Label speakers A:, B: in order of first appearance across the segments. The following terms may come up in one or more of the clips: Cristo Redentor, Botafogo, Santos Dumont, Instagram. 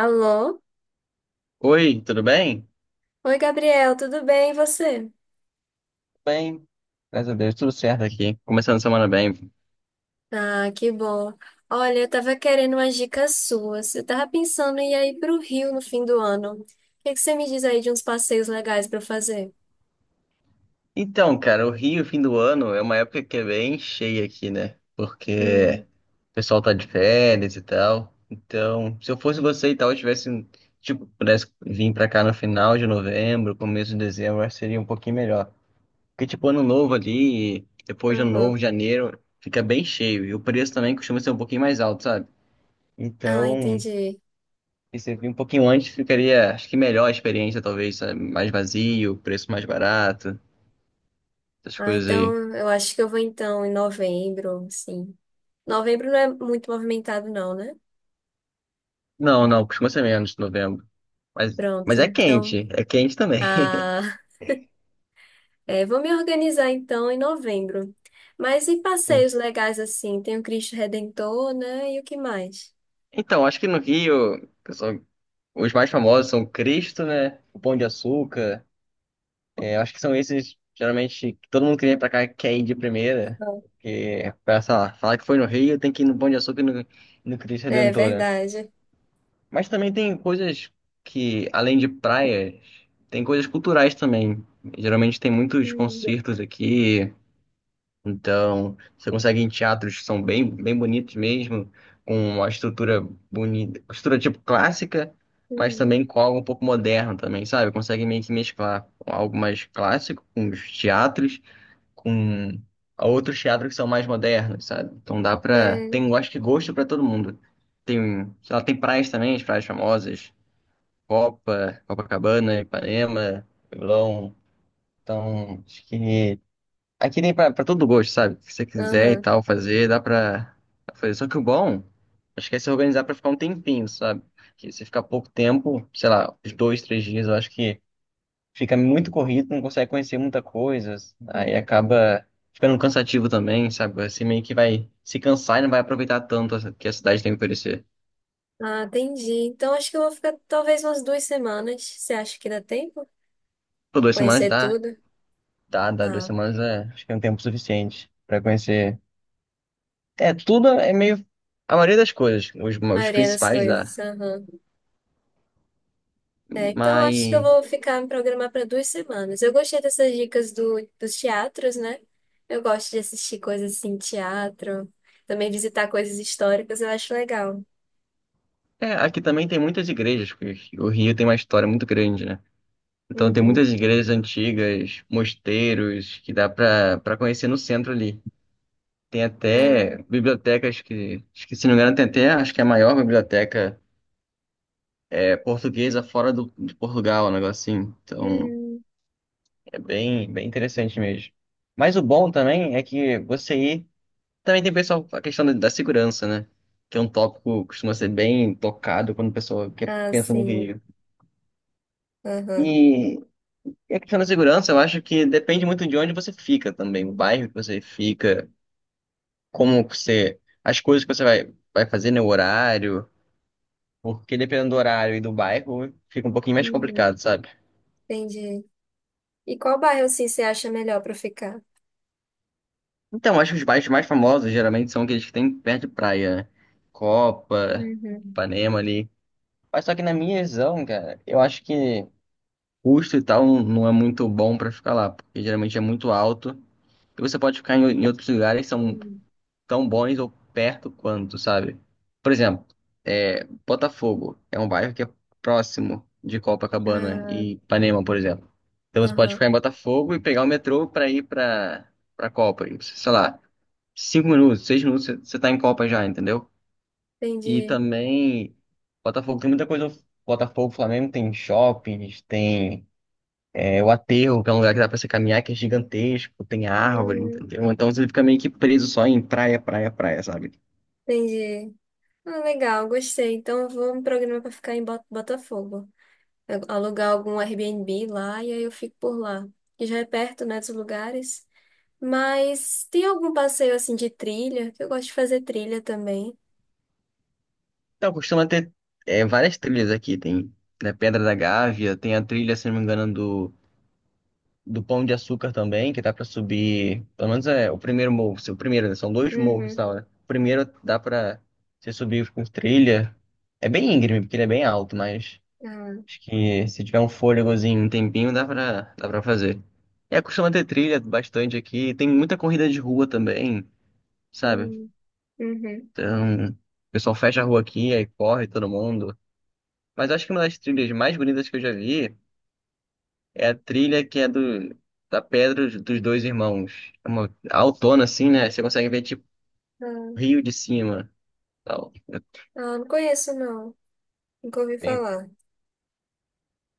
A: Alô?
B: Oi, tudo bem?
A: Oi, Gabriel, tudo bem? E você?
B: Bem, graças a Deus, tudo certo aqui. Começando a semana bem.
A: Ah, que bom. Olha, eu tava querendo umas dicas suas. Eu tava pensando em ir aí pro Rio no fim do ano. O que você me diz aí de uns passeios legais pra eu fazer?
B: Então, cara, o Rio, fim do ano, é uma época que é bem cheia aqui, né?
A: Hum,
B: Porque o pessoal tá de férias e tal. Então, se eu fosse você e tal, eu tivesse, tipo, pudesse vir pra cá no final de novembro, começo de dezembro, eu acho que seria um pouquinho melhor. Porque, tipo, ano novo ali, depois de ano novo,
A: aham.
B: janeiro, fica bem cheio. E o preço também costuma ser um pouquinho mais alto, sabe?
A: Ah,
B: Então,
A: entendi.
B: e se vir um pouquinho antes, ficaria, acho que melhor a experiência, talvez, sabe? Mais vazio, preço mais barato, essas
A: Ah,
B: coisas aí.
A: então eu acho que eu vou então em novembro, sim. Novembro não é muito movimentado, não, né?
B: Não, não, costuma ser menos de novembro. Mas,
A: Pronto.
B: mas
A: Então,
B: é quente também.
A: ah, é, vou me organizar então em novembro. Mas e passeios
B: Isso.
A: legais assim? Tem o Cristo Redentor, né? E o que mais?
B: Então, acho que no Rio, pessoal, os mais famosos são Cristo, né? O Pão de Açúcar. É, acho que são esses, geralmente, que todo mundo que vem pra cá quer ir de primeira.
A: Não.
B: Porque, pra, sei lá, falar que foi no Rio, tem que ir no Pão de Açúcar e no Cristo
A: É
B: Redentor, né?
A: verdade.
B: Mas também tem coisas que, além de praias, tem coisas culturais também. Geralmente tem muitos
A: Hum,
B: concertos aqui, então você consegue ir em teatros que são bem, bem bonitos mesmo, com uma estrutura bonita, uma estrutura tipo clássica, mas
A: hum,
B: também com algo um pouco moderno também, sabe? Consegue meio que mesclar algo mais clássico com os teatros, com outros teatros que são mais modernos, sabe? Então dá pra
A: é.
B: tem, eu acho que gosto pra todo mundo. Tem, sei lá, tem praias também, as praias famosas. Copa, Copacabana, Ipanema, Leblon. Então, acho que aqui tem pra todo gosto, sabe? O que você quiser e
A: Aham.
B: tal, fazer, dá pra fazer. Só que o bom, acho que é se organizar pra ficar um tempinho, sabe? Que você ficar pouco tempo, sei lá, uns dois, três dias, eu acho que fica muito corrido, não consegue conhecer muita coisa, aí acaba ficando cansativo também, sabe? Você meio que vai se cansar e não vai aproveitar tanto o que a cidade tem a oferecer.
A: Ah, entendi. Então acho que eu vou ficar talvez umas duas semanas. Você acha que dá tempo?
B: Por duas semanas
A: Conhecer
B: dá.
A: tudo?
B: Tá, dá
A: Ah,
B: duas
A: a
B: semanas é, acho que é um tempo suficiente pra conhecer. É, tudo é meio. A maioria das coisas, os
A: maioria das
B: principais dá.
A: coisas. Aham. É, então acho que eu
B: Mas.
A: vou ficar me programar para duas semanas. Eu gostei dessas dicas dos teatros, né? Eu gosto de assistir coisas assim, teatro, também visitar coisas históricas, eu acho legal.
B: É, aqui também tem muitas igrejas, porque o Rio tem uma história muito grande, né? Então tem
A: Uhum.
B: muitas igrejas antigas, mosteiros, que dá pra conhecer no centro ali. Tem
A: Ah,
B: até bibliotecas que, acho que se não me engano, tem até, acho que é a maior biblioteca é, portuguesa fora do, de Portugal, um negocinho. Então.
A: hum.
B: É bem, bem interessante mesmo. Mas o bom também é que você ir. Também tem pessoal a questão da segurança, né? Que é um tópico que costuma ser bem tocado quando a pessoa quer,
A: Ah,
B: pensa no
A: sim.
B: Rio.
A: Aham.
B: E, e a questão da segurança, eu acho que depende muito de onde você fica também, o bairro que você fica, como você. As coisas que você vai, vai fazer, né? O horário. Porque dependendo do horário e do bairro, fica um pouquinho mais
A: Uhum.
B: complicado, sabe?
A: Entendi. E qual bairro assim você acha melhor para ficar?
B: Então, acho que os bairros mais famosos geralmente são aqueles que tem perto de praia, né? Copa,
A: Uhum.
B: Ipanema ali. Mas só que na minha visão, cara, eu acho que custo e tal não é muito bom pra ficar lá, porque geralmente é muito alto. E você pode ficar em outros lugares que são
A: Hum.
B: tão bons ou perto quanto, sabe? Por exemplo, é, Botafogo é um bairro que é próximo de Copacabana
A: Ah,
B: e Ipanema, por exemplo. Então você pode
A: aham.
B: ficar em Botafogo e pegar o metrô pra ir pra Copa, e, sei lá cinco minutos, seis minutos, você tá em Copa já, entendeu? E
A: Entendi.
B: também, Botafogo tem muita coisa. Botafogo, Flamengo tem shoppings, tem é, o aterro, que é um lugar que dá pra você caminhar, que é gigantesco, tem árvore,
A: Hum,
B: entendeu? Então você fica meio que preso só em praia, praia, praia, sabe?
A: entendi. Ah, legal, gostei. Então eu vou me programar para ficar em Botafogo. Alugar algum Airbnb lá e aí eu fico por lá. Que já é perto, né, dos lugares. Mas tem algum passeio assim de trilha, que eu gosto de fazer trilha também.
B: Então costuma ter é, várias trilhas aqui, tem né, Pedra da Gávea, tem a trilha, se não me engano, do Pão de Açúcar também, que dá pra subir, pelo menos é o primeiro morro, o primeiro, né? São dois morros e
A: Uhum.
B: tal, né? O primeiro dá pra você subir com trilha. É bem íngreme, porque ele é bem alto, mas
A: Ah,
B: acho que se tiver um fôlegozinho, um tempinho, dá pra fazer. É, costuma ter trilha bastante aqui, tem muita corrida de rua também, sabe?
A: hum, uhum.
B: Então, o pessoal fecha a rua aqui, aí corre todo mundo. Mas acho que uma das trilhas mais bonitas que eu já vi é a trilha que é do, da Pedra dos Dois Irmãos. É uma altona, assim, né? Você consegue ver, tipo,
A: Ah,
B: Rio de cima. Tal. É,
A: ah, não conheço, não. Nunca ouvi
B: Tem-
A: falar.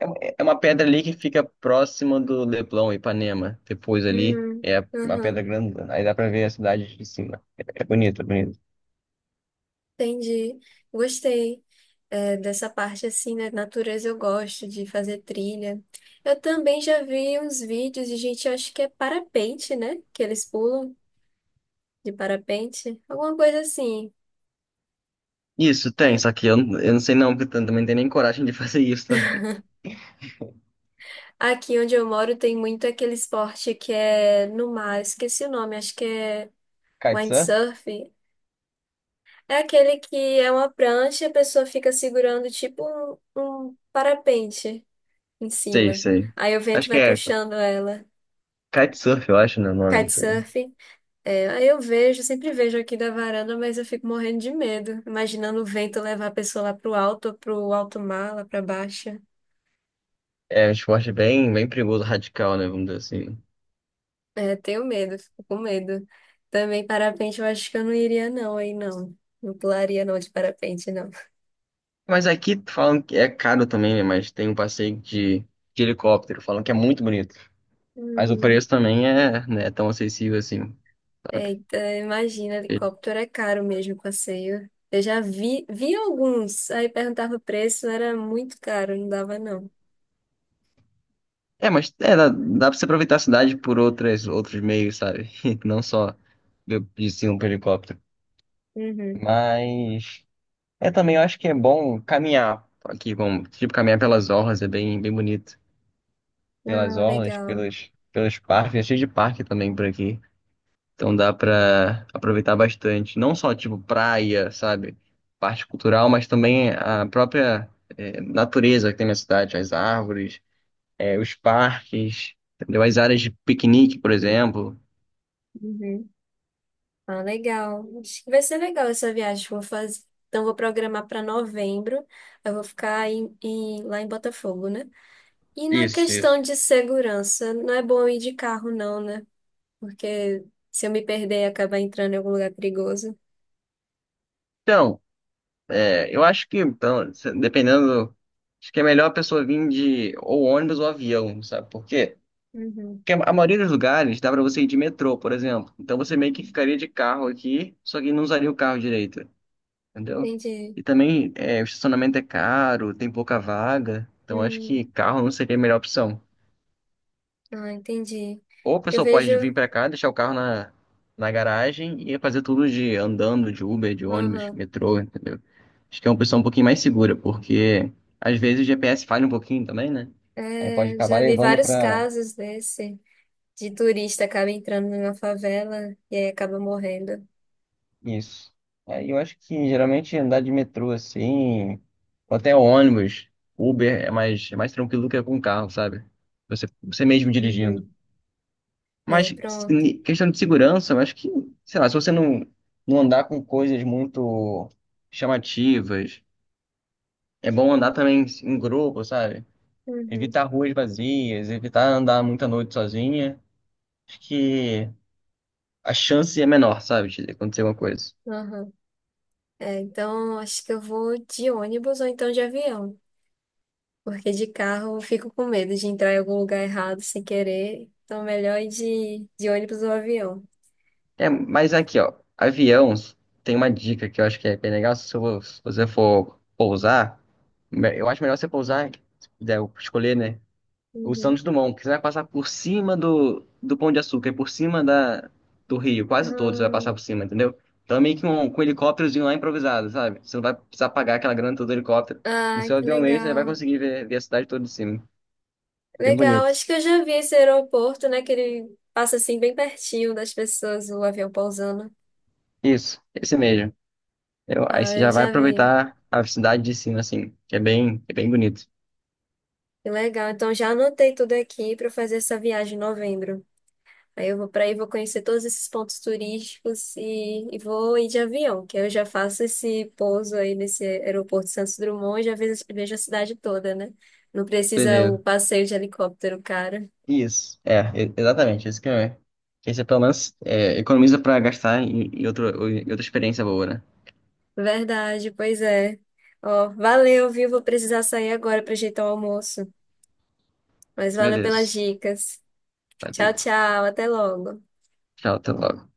B: É é uma pedra ali que fica próxima do Leblon, Ipanema. Depois ali
A: Hum,
B: é uma pedra
A: uhum.
B: grande. Aí dá pra ver a cidade de cima. É bonito, é bonito.
A: Entendi. Gostei. É, dessa parte assim, né? Natureza eu gosto de fazer trilha. Eu também já vi uns vídeos de gente, eu acho que é parapente, né? Que eles pulam. De parapente? Alguma coisa assim.
B: Isso, tem.
A: Hum.
B: Só que eu não sei não, porque eu também não tenho nem coragem de fazer isso também.
A: Aqui onde eu moro tem muito aquele esporte que é no mar, eu esqueci o nome, acho que é
B: Kitesurf?
A: windsurf. É aquele que é uma prancha e a pessoa fica segurando tipo um parapente em
B: Sei,
A: cima.
B: sei.
A: Aí o vento
B: Acho que
A: vai
B: é
A: puxando ela.
B: kitesurf, eu acho, né, o nome, não sei.
A: Kitesurf. É, aí eu vejo, sempre vejo aqui da varanda, mas eu fico morrendo de medo, imaginando o vento levar a pessoa lá pro alto mar, lá pra baixo.
B: É um esporte bem, bem perigoso, radical, né, vamos dizer assim.
A: É, tenho medo, fico com medo. Também parapente, eu acho que eu não iria não, aí não. Não pularia não de parapente, não.
B: Mas aqui falam que é caro também, né? Mas tem um passeio de helicóptero, falam que é muito bonito. Mas o
A: Hum.
B: preço também é, né, tão acessível assim, sabe?
A: Eita, imagina, helicóptero é caro mesmo o passeio. Eu já vi alguns, aí perguntava o preço, era muito caro, não dava não.
B: É, mas é, dá, dá pra você aproveitar a cidade por outras, outros meios, sabe? Não só de cima pro helicóptero.
A: Uhum.
B: Mas é também, eu acho que é bom caminhar aqui, como, tipo, caminhar pelas orlas, é bem, bem bonito. Pelas
A: Ah,
B: orlas,
A: legal.
B: pelas, pelos parques, é cheio de parque também por aqui. Então dá pra aproveitar bastante. Não só, tipo, praia, sabe? Parte cultural, mas também a própria é, natureza que tem na cidade, as árvores, é, os parques, entendeu? As áreas de piquenique, por exemplo.
A: Uhum. Ah, legal. Acho que vai ser legal essa viagem que eu vou fazer. Então, vou programar para novembro. Eu vou ficar lá em Botafogo, né? E na
B: Isso, isso.
A: questão de segurança, não é bom ir de carro, não, né? Porque se eu me perder e acabar entrando em algum lugar perigoso.
B: Então, é, eu acho que, então, dependendo, acho que é melhor a pessoa vir de ou ônibus ou avião, sabe por quê?
A: Uhum.
B: Porque a maioria dos lugares dá pra você ir de metrô, por exemplo. Então você meio que ficaria de carro aqui, só que não usaria o carro direito. Entendeu?
A: Entendi.
B: E também é, o estacionamento é caro, tem pouca vaga, então acho
A: Hum,
B: que carro não seria a melhor opção.
A: ah, entendi.
B: Ou a
A: Que eu
B: pessoa pode
A: vejo.
B: vir pra cá, deixar o carro na garagem e fazer tudo de andando, de Uber, de ônibus,
A: Aham.
B: metrô, entendeu? Acho que é uma opção um pouquinho mais segura, porque às vezes o GPS falha um pouquinho também, né? Aí pode
A: É,
B: acabar
A: já vi
B: levando
A: vários
B: pra
A: casos desse, de turista acaba entrando numa favela e aí acaba morrendo.
B: isso. É, eu acho que geralmente andar de metrô assim, ou até ônibus, Uber é mais tranquilo do que com carro, sabe? Você mesmo dirigindo.
A: Uhum. É,
B: Mas
A: pronto.
B: se- questão de segurança, eu acho que, sei lá, se você não, não andar com coisas muito chamativas, é bom andar também em grupo, sabe?
A: Uhum.
B: Evitar ruas vazias, evitar andar muita noite sozinha. Acho que a chance é menor, sabe, de acontecer alguma coisa.
A: Aham. É, então acho que eu vou de ônibus ou então de avião. Porque de carro eu fico com medo de entrar em algum lugar errado sem querer. Então, melhor ir de ônibus ou avião.
B: É, mas aqui, ó, avião, tem uma dica que eu acho que é bem legal, se você for pousar, eu acho melhor você pousar, se puder escolher, né, o
A: Uhum.
B: Santos Dumont, que você vai passar por cima do Pão de Açúcar, e por cima da, do Rio, quase todos você vai passar por cima, entendeu? Então é meio que um, com um helicópterozinho lá improvisado, sabe? Você não vai precisar pagar aquela grana toda do helicóptero. No
A: Ah, ah,
B: seu
A: que
B: avião mesmo, você vai
A: legal.
B: conseguir ver, ver a cidade toda de cima. É bem
A: Legal,
B: bonito.
A: acho que eu já vi esse aeroporto, né? Que ele passa assim bem pertinho das pessoas, o avião pousando.
B: Isso, esse mesmo. Aí
A: Ah,
B: você
A: eu
B: já vai
A: já vi.
B: aproveitar a cidade de cima, assim, que é bem bonito.
A: Que legal. Então já anotei tudo aqui para fazer essa viagem em novembro. Aí eu vou para aí, vou conhecer todos esses pontos turísticos e vou ir de avião, que aí eu já faço esse pouso aí nesse aeroporto de Santos Dumont e já vejo a cidade toda, né? Não precisa o
B: Beleza.
A: passeio de helicóptero, cara.
B: Isso. É, exatamente, isso que é. Que aí você pelo menos é, economiza pra gastar em, em, outro, em outra experiência boa, né?
A: Verdade, pois é. Ó, valeu, viu? Vou precisar sair agora para ajeitar o almoço. Mas valeu pelas
B: Beleza.
A: dicas. Tchau,
B: Valeu.
A: tchau, até logo.
B: Tchau, até logo.